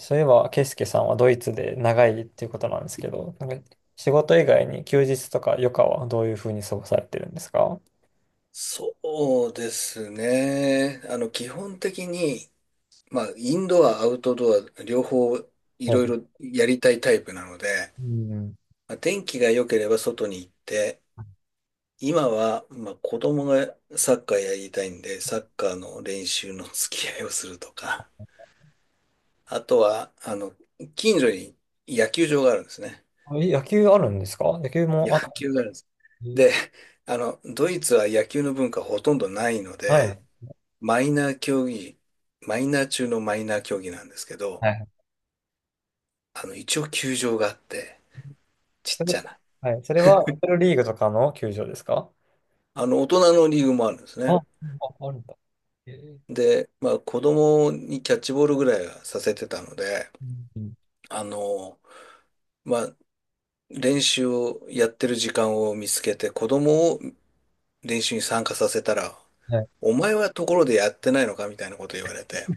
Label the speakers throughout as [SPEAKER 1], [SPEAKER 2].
[SPEAKER 1] そういえば、ケイスケさんはドイツで長いっていうことなんですけど、なんか仕事以外に休日とか余暇はどういうふうに過ごされてるんですか？
[SPEAKER 2] そうですね。基本的に、まあ、インドア、アウトドア、両方い
[SPEAKER 1] ほ
[SPEAKER 2] ろい
[SPEAKER 1] う、
[SPEAKER 2] ろやりたいタイプなので、
[SPEAKER 1] うん。
[SPEAKER 2] まあ、天気が良ければ外に行って、今は、まあ、子供がサッカーやりたいんで、サッカーの練習の付き合いをするとか、あとは、近所に野球場があるんですね。
[SPEAKER 1] あ、え、野球あるんですか？野球
[SPEAKER 2] 野
[SPEAKER 1] もあった
[SPEAKER 2] 球があるんです。で、
[SPEAKER 1] り？
[SPEAKER 2] ドイツは野球の文化ほとんどないの
[SPEAKER 1] は
[SPEAKER 2] で、
[SPEAKER 1] い。
[SPEAKER 2] マイナー競技、マイナー中のマイナー競技なんですけど、
[SPEAKER 1] はい。
[SPEAKER 2] 一応球場があって、ちっ
[SPEAKER 1] それ、
[SPEAKER 2] ちゃな。
[SPEAKER 1] はい。それは、リトルリーグとかの球場ですか？
[SPEAKER 2] 大人のリーグもあるんです
[SPEAKER 1] あ、あ、
[SPEAKER 2] ね。
[SPEAKER 1] あるんだ。えー。
[SPEAKER 2] で、まあ、子供にキャッチボールぐらいはさせてたので、
[SPEAKER 1] うん。
[SPEAKER 2] あの、まあ、練習をやってる時間を見つけて、子供を練習に参加させたら、
[SPEAKER 1] はい。
[SPEAKER 2] お前はところでやってないのかみたいなこと言われて、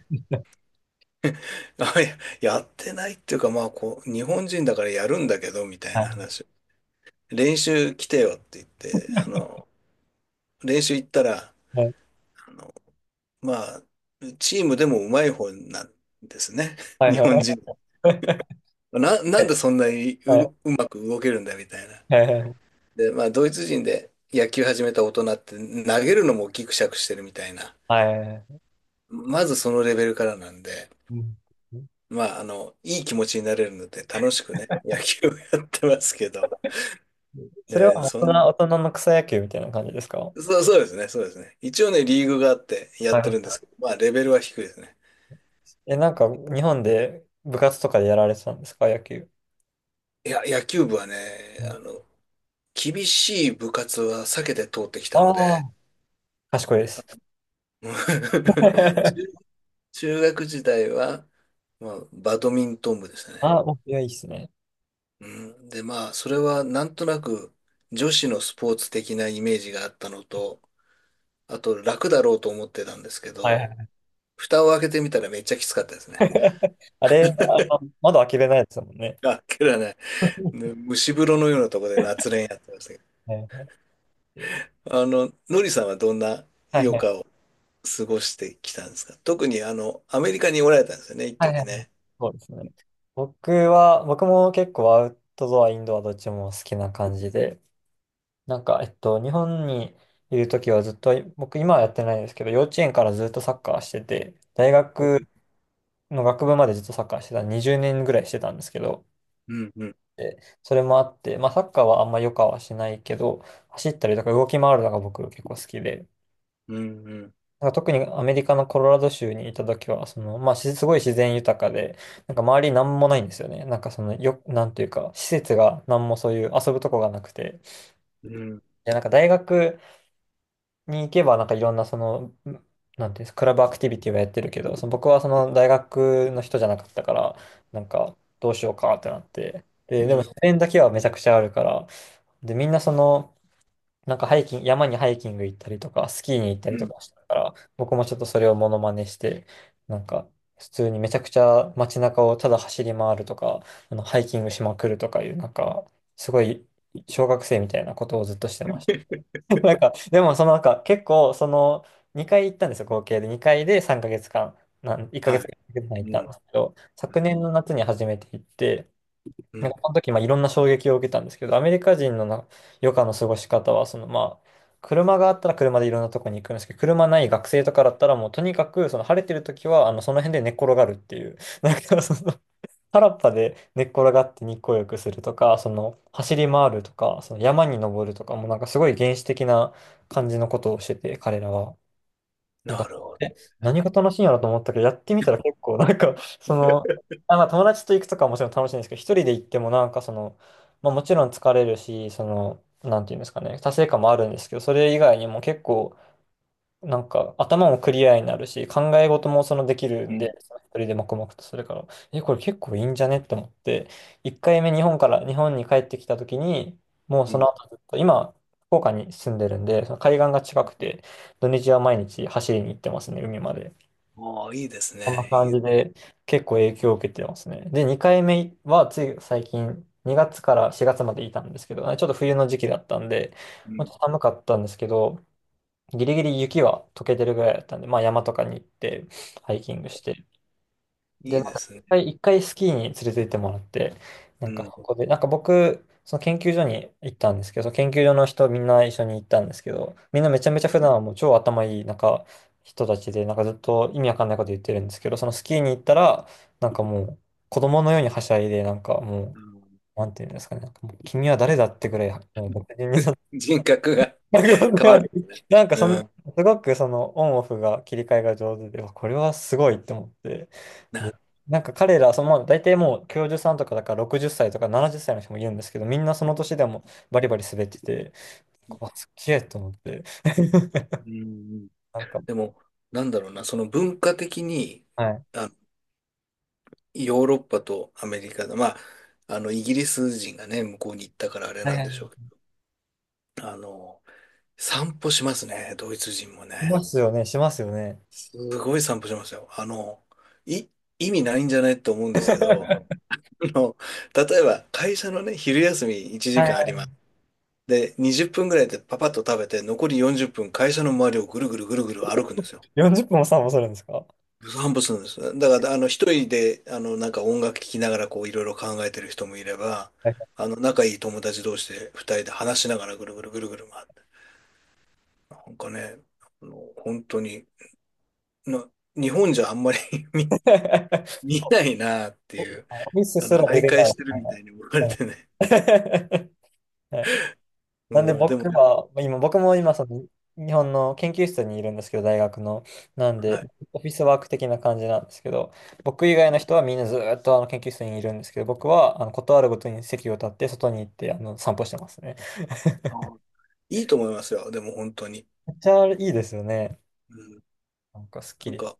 [SPEAKER 2] あいや、やってないっていうか、まあ、こう、日本人だからやるんだけど、みたい
[SPEAKER 1] は
[SPEAKER 2] な
[SPEAKER 1] い。
[SPEAKER 2] 話。練習来てよって言って、練習行ったら、
[SPEAKER 1] はい。
[SPEAKER 2] あの、まあ、チームでもうまい方なんですね。
[SPEAKER 1] はい
[SPEAKER 2] 日
[SPEAKER 1] は
[SPEAKER 2] 本人。
[SPEAKER 1] い。
[SPEAKER 2] な
[SPEAKER 1] は
[SPEAKER 2] ん
[SPEAKER 1] い。
[SPEAKER 2] でそんなに
[SPEAKER 1] はい。
[SPEAKER 2] うまく動けるんだみたいな。
[SPEAKER 1] はい。
[SPEAKER 2] で、まあ、ドイツ人で野球始めた大人って投げるのもギクシャクしてるみたいな。
[SPEAKER 1] はい。
[SPEAKER 2] まずそのレベルからなんで、
[SPEAKER 1] うん。
[SPEAKER 2] まあ、いい気持ちになれるので楽しくね、野球をやってますけど。
[SPEAKER 1] それ
[SPEAKER 2] ね、
[SPEAKER 1] は大人、大人の草野球みたいな感じですか？
[SPEAKER 2] そう、そうですね、そうですね。一応ね、リーグがあってやっ
[SPEAKER 1] はい。
[SPEAKER 2] てるんですけど、まあ、レベルは低いですね。
[SPEAKER 1] え、なんか、日本で部活とかでやられてたんですか、野球。
[SPEAKER 2] いや、野球部はね、あの、厳しい部活は避けて通ってき
[SPEAKER 1] あ
[SPEAKER 2] たの
[SPEAKER 1] あ
[SPEAKER 2] で、
[SPEAKER 1] ー。賢いです。
[SPEAKER 2] うん。 中、中学時代は、まあ、バドミントン部でしたね。
[SPEAKER 1] あおいや、いいっすね。
[SPEAKER 2] うん、で、まあ、それはなんとなく女子のスポーツ的なイメージがあったのと、あと楽だろうと思ってたんですけ
[SPEAKER 1] はいは
[SPEAKER 2] ど、
[SPEAKER 1] い。
[SPEAKER 2] 蓋を開けてみたらめっちゃきつかったですね。
[SPEAKER 1] あれ、あの窓開けれないですもんね。
[SPEAKER 2] あっけらね、ね蒸し風呂のようなところで夏練やってましたけど。
[SPEAKER 1] はいはい
[SPEAKER 2] のりさんはどんな
[SPEAKER 1] は
[SPEAKER 2] 余
[SPEAKER 1] い
[SPEAKER 2] 暇を過ごしてきたんですか？特にアメリカにおられたんですよね、一
[SPEAKER 1] はいは
[SPEAKER 2] 時
[SPEAKER 1] い。
[SPEAKER 2] ね。
[SPEAKER 1] そうですね。僕も結構アウトドア、インドアどっちも好きな感じで、なんか、日本にいるときはずっと、僕今はやってないですけど、幼稚園からずっとサッカーしてて、大学の学部までずっとサッカーしてた、20年ぐらいしてたんですけど、
[SPEAKER 2] うん、うん、
[SPEAKER 1] でそれもあって、まあ、サッカーはあんま良くはしないけど、走ったりとか動き回るのが僕結構好きで、
[SPEAKER 2] うん、うん、
[SPEAKER 1] なんか特にアメリカのコロラド州にいた時は、その、まあ、すごい自然豊かで、なんか周りなんもないんですよね。なんかその、なんていうか、施設がなんもそういう遊ぶとこがなくて、
[SPEAKER 2] うん、
[SPEAKER 1] で、なんか大学に行けば、なんかいろんなその、なんていうんですか、クラブアクティビティはやってるけど、その僕はその大学の人じゃなかったから、なんかどうしようかってなって、で、
[SPEAKER 2] う
[SPEAKER 1] でも
[SPEAKER 2] ん、
[SPEAKER 1] 自然だけはめちゃくちゃあるから、で、みんなその、なんかハイキング、山にハイキング行ったりとか、スキーに行った
[SPEAKER 2] う
[SPEAKER 1] りと
[SPEAKER 2] ん。
[SPEAKER 1] かしたから、僕もちょっとそれをモノマネして、なんか、普通にめちゃくちゃ街中をただ走り回るとか、あの、ハイキングしまくるとかいう、なんか、すごい小学生みたいなことをずっとしてまし た。なんか、でもそのなんか、結構、その、2回行ったんですよ、合計で。2回で3ヶ月間、1ヶ
[SPEAKER 2] は
[SPEAKER 1] 月
[SPEAKER 2] い。
[SPEAKER 1] 間行っ
[SPEAKER 2] う
[SPEAKER 1] たん
[SPEAKER 2] ん、
[SPEAKER 1] ですけど、昨
[SPEAKER 2] はい、
[SPEAKER 1] 年の夏に初めて行って、
[SPEAKER 2] う
[SPEAKER 1] なん
[SPEAKER 2] ん、
[SPEAKER 1] かその時、まあ、いろんな衝撃を受けたんですけど、アメリカ人の余暇の過ごし方は、その、まあ、車があったら車でいろんなとこに行くんですけど、車ない学生とかだったら、もうとにかく、その晴れてる時は、その辺で寝っ転がるっていう、なんかその、原っぱで寝っ転がって日光浴するとか、その、走り回るとか、その山に登るとか、もうなんかすごい原始的な感じのことをしてて、彼らは。なん
[SPEAKER 2] な
[SPEAKER 1] か、
[SPEAKER 2] るほど。
[SPEAKER 1] え、何が楽しいんやろと思ったけど、やってみたら結構、なんか、その、あ、まあ、友達と行くとかはもちろん楽しいんですけど、一人で行ってもなんかその、まあ、もちろん疲れるし、その、なんていうんですかね、達成感もあるんですけど、それ以外にも結構、なんか頭もクリアになるし、考え事もそのできる
[SPEAKER 2] う
[SPEAKER 1] ん
[SPEAKER 2] ん、
[SPEAKER 1] で、その一人で黙々とするから、え、これ結構いいんじゃねって思って、1回目日本に帰ってきた時に、もう
[SPEAKER 2] う
[SPEAKER 1] そ
[SPEAKER 2] ん、
[SPEAKER 1] の後ずっと、今、福岡に住んでるんで、その海岸が近くて、土日は毎日走りに行ってますね、海まで。
[SPEAKER 2] ああ、いいです
[SPEAKER 1] こん
[SPEAKER 2] ね。
[SPEAKER 1] な
[SPEAKER 2] い
[SPEAKER 1] 感
[SPEAKER 2] い、
[SPEAKER 1] じで結構影響を受けてますね。で、2回目はつい最近、2月から4月までいたんですけど、ちょっと冬の時期だったんで、
[SPEAKER 2] う
[SPEAKER 1] まあち
[SPEAKER 2] ん、
[SPEAKER 1] ょっと寒かったんですけど、ギリギリ雪は溶けてるぐらいだったんで、まあ山とかに行って、ハイキングして、
[SPEAKER 2] い
[SPEAKER 1] で、
[SPEAKER 2] い
[SPEAKER 1] なん
[SPEAKER 2] で
[SPEAKER 1] か
[SPEAKER 2] す
[SPEAKER 1] 一
[SPEAKER 2] ね。
[SPEAKER 1] 回、一回スキーに連れて行ってもらって、な
[SPEAKER 2] う
[SPEAKER 1] んか
[SPEAKER 2] ん、
[SPEAKER 1] ここで、なんか僕、その研究所に行ったんですけど、その研究所の人みんな一緒に行ったんですけど、みんなめちゃめちゃ普段はもう超頭いい、なんか人たちで、なんかずっと意味わかんないこと言ってるんですけど、そのスキーに行ったら、なんかもう子供のようにはしゃいで、なんかも
[SPEAKER 2] あ
[SPEAKER 1] う、
[SPEAKER 2] の
[SPEAKER 1] なんていうんですかね、なんかもう君は誰だってぐらい、もう僕に、
[SPEAKER 2] 人格が 変わ
[SPEAKER 1] な
[SPEAKER 2] るんですね。
[SPEAKER 1] なんかそ
[SPEAKER 2] う
[SPEAKER 1] の、
[SPEAKER 2] ん。
[SPEAKER 1] すごくそのオンオフが切り替えが上手で、わ、これはすごいって思って。
[SPEAKER 2] な
[SPEAKER 1] で、
[SPEAKER 2] る
[SPEAKER 1] なんか彼ら、その、まあ大体もう教授さんとかだから60歳とか70歳の人もいるんですけど、みんなその年でもバリバリ滑ってて、あ、すっげえと思って。
[SPEAKER 2] うん、うん、
[SPEAKER 1] なんか、
[SPEAKER 2] でも、なんだろうな、その文化的に、
[SPEAKER 1] はい。
[SPEAKER 2] あの、ヨーロッパとアメリカで、まあ、イギリス人がね、向こうに行ったからあれ
[SPEAKER 1] はい
[SPEAKER 2] な
[SPEAKER 1] は
[SPEAKER 2] んで
[SPEAKER 1] い
[SPEAKER 2] しょ
[SPEAKER 1] は
[SPEAKER 2] うけど、散歩しますね、ドイツ人も
[SPEAKER 1] い。し
[SPEAKER 2] ね。
[SPEAKER 1] ますよね、しますよね。
[SPEAKER 2] すごい散歩しますよ。い、意味ないんじゃないと思うんですけど、あの、例えば会社のね、昼休み1
[SPEAKER 1] は
[SPEAKER 2] 時間あり
[SPEAKER 1] い。
[SPEAKER 2] ます。で、20分ぐらいでパパッと食べて、残り40分会社の周りをぐるぐるぐるぐる歩くんですよ。
[SPEAKER 1] 40分も散歩するんですか？
[SPEAKER 2] 散歩するんです。だから、一人で、なんか音楽聴きながら、こう、いろいろ考えてる人もいれば、
[SPEAKER 1] はい。
[SPEAKER 2] 仲いい友達同士で、二人で話しながら、ぐるぐるぐるぐる回って。なんかね、本当に、な、日本じゃあんまり 見、見
[SPEAKER 1] そ
[SPEAKER 2] ないなって
[SPEAKER 1] う。
[SPEAKER 2] いう、
[SPEAKER 1] ミスすら出
[SPEAKER 2] 徘
[SPEAKER 1] れ
[SPEAKER 2] 徊
[SPEAKER 1] ない。
[SPEAKER 2] してる
[SPEAKER 1] はい。
[SPEAKER 2] みたいに思われてね。
[SPEAKER 1] はい。なんで
[SPEAKER 2] うん、でも
[SPEAKER 1] 僕
[SPEAKER 2] ね、
[SPEAKER 1] は、今、僕も
[SPEAKER 2] は
[SPEAKER 1] 今
[SPEAKER 2] い。
[SPEAKER 1] その日本の研究室にいるんですけど、大学の。なんで、
[SPEAKER 2] はい、
[SPEAKER 1] オフィスワーク的な感じなんですけど、僕以外の人はみんなずーっとあの研究室にいるんですけど、僕はあのことあるごとに席を立って外に行ってあの散歩してますね。
[SPEAKER 2] あー、いいと思いますよ。でも本当に。
[SPEAKER 1] めっちゃいいですよね。
[SPEAKER 2] うん、
[SPEAKER 1] なんかすっき
[SPEAKER 2] なん
[SPEAKER 1] り。
[SPEAKER 2] か、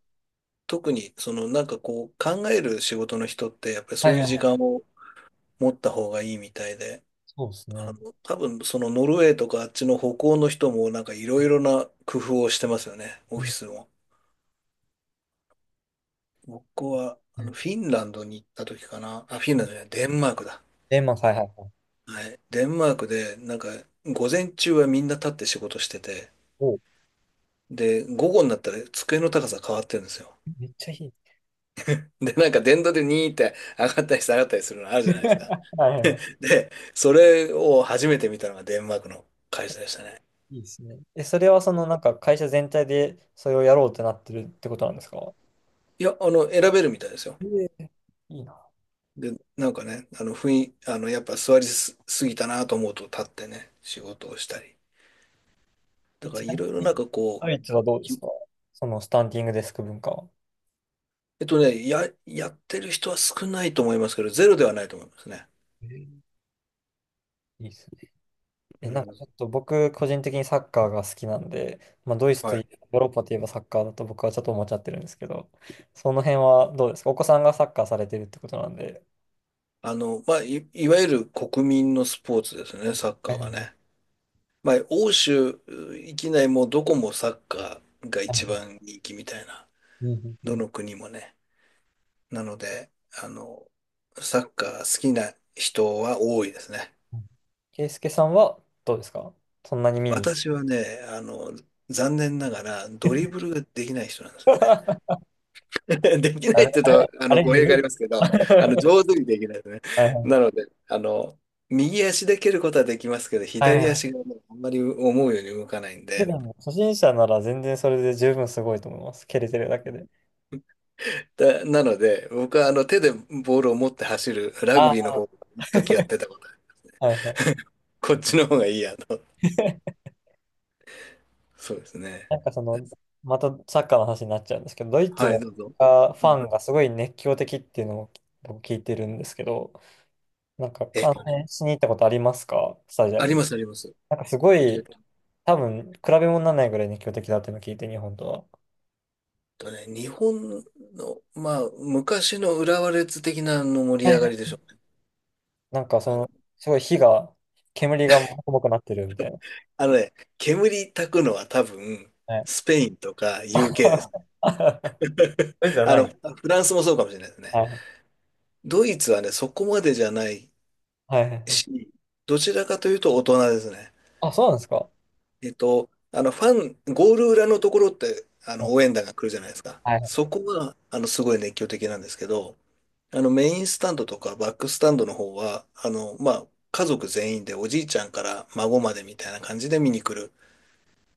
[SPEAKER 2] 特に、その、なんかこう、考える仕事の人って、やっぱり
[SPEAKER 1] は
[SPEAKER 2] そ
[SPEAKER 1] い
[SPEAKER 2] うい
[SPEAKER 1] はい
[SPEAKER 2] う
[SPEAKER 1] は
[SPEAKER 2] 時間
[SPEAKER 1] い。
[SPEAKER 2] を持った方がいいみたいで、
[SPEAKER 1] そうですね。
[SPEAKER 2] 多分そのノルウェーとかあっちの北欧の人もなんかいろいろな工夫をしてますよね、
[SPEAKER 1] う
[SPEAKER 2] オフィ
[SPEAKER 1] ん。
[SPEAKER 2] スも。僕はあのフィンランドに行った時かな。あ、フィンランドじゃない、デンマークだ。
[SPEAKER 1] レモン、はいはいはい。
[SPEAKER 2] はい。デンマークでなんか午前中はみんな立って仕事してて、
[SPEAKER 1] おう。
[SPEAKER 2] で、午後になったら机の高さ変わってるんですよ。
[SPEAKER 1] めっちゃいい。
[SPEAKER 2] で、なんか電動でニーって上がったり下がったりするのあるじゃないですか。
[SPEAKER 1] はいはい。
[SPEAKER 2] で、それを初めて見たのがデンマークの会社でしたね。
[SPEAKER 1] いいですね。え、それはそのなんか会社全体でそれをやろうってなってるってことなんですか？
[SPEAKER 2] いや、選べるみたいですよ。
[SPEAKER 1] ええ、いいね。
[SPEAKER 2] で、なんかね、あの、雰囲、あの、やっぱ座りすぎたなと思うと立ってね、仕事をしたり。
[SPEAKER 1] え、
[SPEAKER 2] だか
[SPEAKER 1] ち
[SPEAKER 2] ら
[SPEAKER 1] な
[SPEAKER 2] いろいろ
[SPEAKER 1] み
[SPEAKER 2] なん
[SPEAKER 1] に、
[SPEAKER 2] かこ
[SPEAKER 1] ド
[SPEAKER 2] う、
[SPEAKER 1] イツはどうです
[SPEAKER 2] き
[SPEAKER 1] か？そのスタンディングデスク文化は。
[SPEAKER 2] えっとね、や、やってる人は少ないと思いますけど、ゼロではないと思いますね。
[SPEAKER 1] えー、いいですね。え、
[SPEAKER 2] う
[SPEAKER 1] なんか
[SPEAKER 2] ん。
[SPEAKER 1] ちょっと僕、個人的にサッカーが好きなんで、まあ、ドイツと
[SPEAKER 2] は
[SPEAKER 1] い
[SPEAKER 2] い。
[SPEAKER 1] えば、ヨーロッパといえばサッカーだと僕はちょっと思っちゃってるんですけど、その辺はどうですか？お子さんがサッカーされてるってことなんで。
[SPEAKER 2] まあ、いわゆる国民のスポーツですね、サッカ
[SPEAKER 1] はい
[SPEAKER 2] ーは
[SPEAKER 1] は
[SPEAKER 2] ね。まあ、欧州域内もどこもサッカーが
[SPEAKER 1] いは
[SPEAKER 2] 一
[SPEAKER 1] い。
[SPEAKER 2] 番人気みたいな、
[SPEAKER 1] うんうんう
[SPEAKER 2] ど
[SPEAKER 1] ん
[SPEAKER 2] の国もね。なので、あの、サッカー好きな人は多いですね。
[SPEAKER 1] うん。ケイス介さんはどうですか？そんなに見に行く？
[SPEAKER 2] 私はね、残念ながらドリブルができない人なんですよね。でき
[SPEAKER 1] あ
[SPEAKER 2] ない
[SPEAKER 1] れ、
[SPEAKER 2] って言
[SPEAKER 1] あ
[SPEAKER 2] う
[SPEAKER 1] れ、
[SPEAKER 2] と、
[SPEAKER 1] あれ、
[SPEAKER 2] 語
[SPEAKER 1] む
[SPEAKER 2] 弊
[SPEAKER 1] ずい。
[SPEAKER 2] がありますけど、上手にできないですね。
[SPEAKER 1] はいは
[SPEAKER 2] な
[SPEAKER 1] い。
[SPEAKER 2] ので、右足で蹴ることはできますけど、
[SPEAKER 1] はい
[SPEAKER 2] 左
[SPEAKER 1] はい。
[SPEAKER 2] 足がもうあんまり思うように動かないん
[SPEAKER 1] で、で
[SPEAKER 2] で、
[SPEAKER 1] も、初心者なら全然それで十分すごいと思います。蹴れてるだけで。
[SPEAKER 2] なので、僕はあの、手でボールを持って走るラグビーの
[SPEAKER 1] あ、
[SPEAKER 2] 方、一時やってたことある、
[SPEAKER 1] はいはい。
[SPEAKER 2] こっちの方がいいやと。そうですね。
[SPEAKER 1] なんかその、またサッカーの話になっちゃうんですけど、ドイツ
[SPEAKER 2] はい、
[SPEAKER 1] の
[SPEAKER 2] どうぞ。
[SPEAKER 1] サッカーフ
[SPEAKER 2] うん。
[SPEAKER 1] ァンがすごい熱狂的っていうのを僕聞いてるんですけど、なんか
[SPEAKER 2] えっ
[SPEAKER 1] 観
[SPEAKER 2] とね、
[SPEAKER 1] 戦しに行ったことありますか？スタジア
[SPEAKER 2] あ
[SPEAKER 1] ム
[SPEAKER 2] り
[SPEAKER 1] に。
[SPEAKER 2] ます、あります。
[SPEAKER 1] なんかすご
[SPEAKER 2] えっ
[SPEAKER 1] い、多分比べ物にならないぐらい熱狂的だっていうのを聞いて、日本と
[SPEAKER 2] とね、日本の、まあ、昔の浦和レッズ的なの盛
[SPEAKER 1] は。
[SPEAKER 2] り
[SPEAKER 1] は
[SPEAKER 2] 上
[SPEAKER 1] いは
[SPEAKER 2] がりで
[SPEAKER 1] い。
[SPEAKER 2] しょうね。
[SPEAKER 1] なんかそ
[SPEAKER 2] あの、
[SPEAKER 1] の、すごい煙がもくもくなってるみたいな。
[SPEAKER 2] あのね、煙たくのは多分、
[SPEAKER 1] はい。
[SPEAKER 2] スペインとか UK です。
[SPEAKER 1] ドイツじゃない。
[SPEAKER 2] フランスもそうかもしれないですね。
[SPEAKER 1] はい。
[SPEAKER 2] ドイツはね、そこまでじゃない
[SPEAKER 1] はいはいはい。
[SPEAKER 2] し、どちらかというと大人ですね。
[SPEAKER 1] あ、そうなんですか。
[SPEAKER 2] えっと、あの、ファン、ゴール裏のところって、
[SPEAKER 1] は
[SPEAKER 2] 応
[SPEAKER 1] い。
[SPEAKER 2] 援団が来るじゃないですか。
[SPEAKER 1] はい。
[SPEAKER 2] そこは、すごい熱狂的なんですけど、メインスタンドとかバックスタンドの方は、まあ、家族全員でおじいちゃんから孫までみたいな感じで見に来る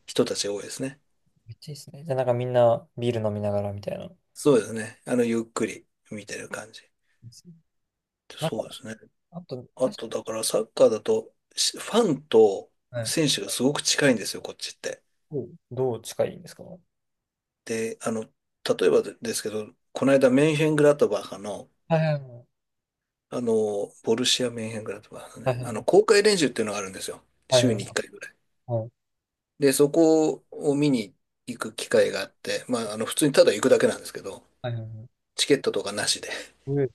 [SPEAKER 2] 人たちが多いですね。
[SPEAKER 1] めっちゃいいですね。じゃあなんかみんなビール飲みながらみたいな。で
[SPEAKER 2] そうですね。ゆっくり見てる感じ。
[SPEAKER 1] すね。
[SPEAKER 2] そうですね。
[SPEAKER 1] あと、
[SPEAKER 2] あ
[SPEAKER 1] 確、
[SPEAKER 2] と、だからサッカーだと、ファンと
[SPEAKER 1] はい、かに、
[SPEAKER 2] 選手がすごく近いんですよ、こっちって。
[SPEAKER 1] どう近いんですか？は
[SPEAKER 2] で、例えばでですけど、この間、メンヘングラトバカハの、
[SPEAKER 1] いはいはい。
[SPEAKER 2] ボルシア・メンヘングラトバカハの
[SPEAKER 1] は
[SPEAKER 2] ね、
[SPEAKER 1] い
[SPEAKER 2] 公開練習っていうのがあるんですよ。
[SPEAKER 1] はいはい。
[SPEAKER 2] 週
[SPEAKER 1] はい
[SPEAKER 2] に1回ぐらい。
[SPEAKER 1] はいはい。
[SPEAKER 2] で、そこを見に行く機会があって、まあ、普通にただ行くだけなんですけど、
[SPEAKER 1] はいはいはい。
[SPEAKER 2] チケットとかなしで。
[SPEAKER 1] うえ、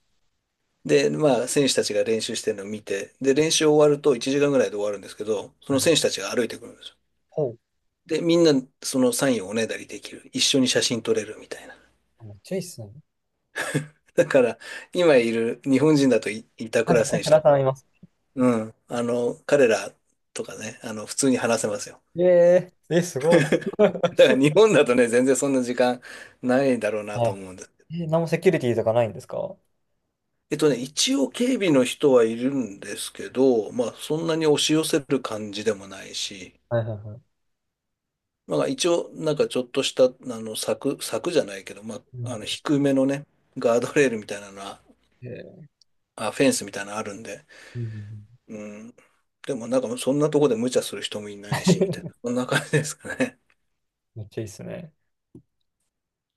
[SPEAKER 2] で、まあ、選手たちが練習してるのを見て、で、練習終わると1時間ぐらいで終わるんですけど、そ
[SPEAKER 1] は
[SPEAKER 2] の
[SPEAKER 1] いは
[SPEAKER 2] 選手
[SPEAKER 1] い。
[SPEAKER 2] たちが歩いてくるんですよ。
[SPEAKER 1] ほう。
[SPEAKER 2] で、みんなそのサインをおねだりできる。一緒に写真撮れるみたいな。
[SPEAKER 1] あ、めっちゃいいっすね。
[SPEAKER 2] だから、今いる日本人だと板
[SPEAKER 1] はい、
[SPEAKER 2] 倉
[SPEAKER 1] だ
[SPEAKER 2] 選
[SPEAKER 1] か
[SPEAKER 2] 手と
[SPEAKER 1] ら頼
[SPEAKER 2] か、
[SPEAKER 1] みます。
[SPEAKER 2] うん、彼らとかね、普通に話せますよ。
[SPEAKER 1] ええー、え、すごい、
[SPEAKER 2] だから日本だとね、全然そんな時間ないだろうなと
[SPEAKER 1] は
[SPEAKER 2] 思うんです。
[SPEAKER 1] い。え、何もセキュリティとかないんですか？は
[SPEAKER 2] えっとね、一応警備の人はいるんですけど、まあそんなに押し寄せる感じでもないし、
[SPEAKER 1] いはいはい。
[SPEAKER 2] まあ一応なんかちょっとした柵、柵じゃないけど、ま
[SPEAKER 1] う
[SPEAKER 2] あ
[SPEAKER 1] ん。
[SPEAKER 2] 低めのね、ガードレールみたいなのは、
[SPEAKER 1] えー。
[SPEAKER 2] あ、フェンスみたいなのあるんで、
[SPEAKER 1] うんうん
[SPEAKER 2] うん。でもなんかそんなとこで無茶する人もいない
[SPEAKER 1] う
[SPEAKER 2] し、みたい
[SPEAKER 1] ん。
[SPEAKER 2] な、そんな感じですかね。
[SPEAKER 1] めっちゃいいっすね。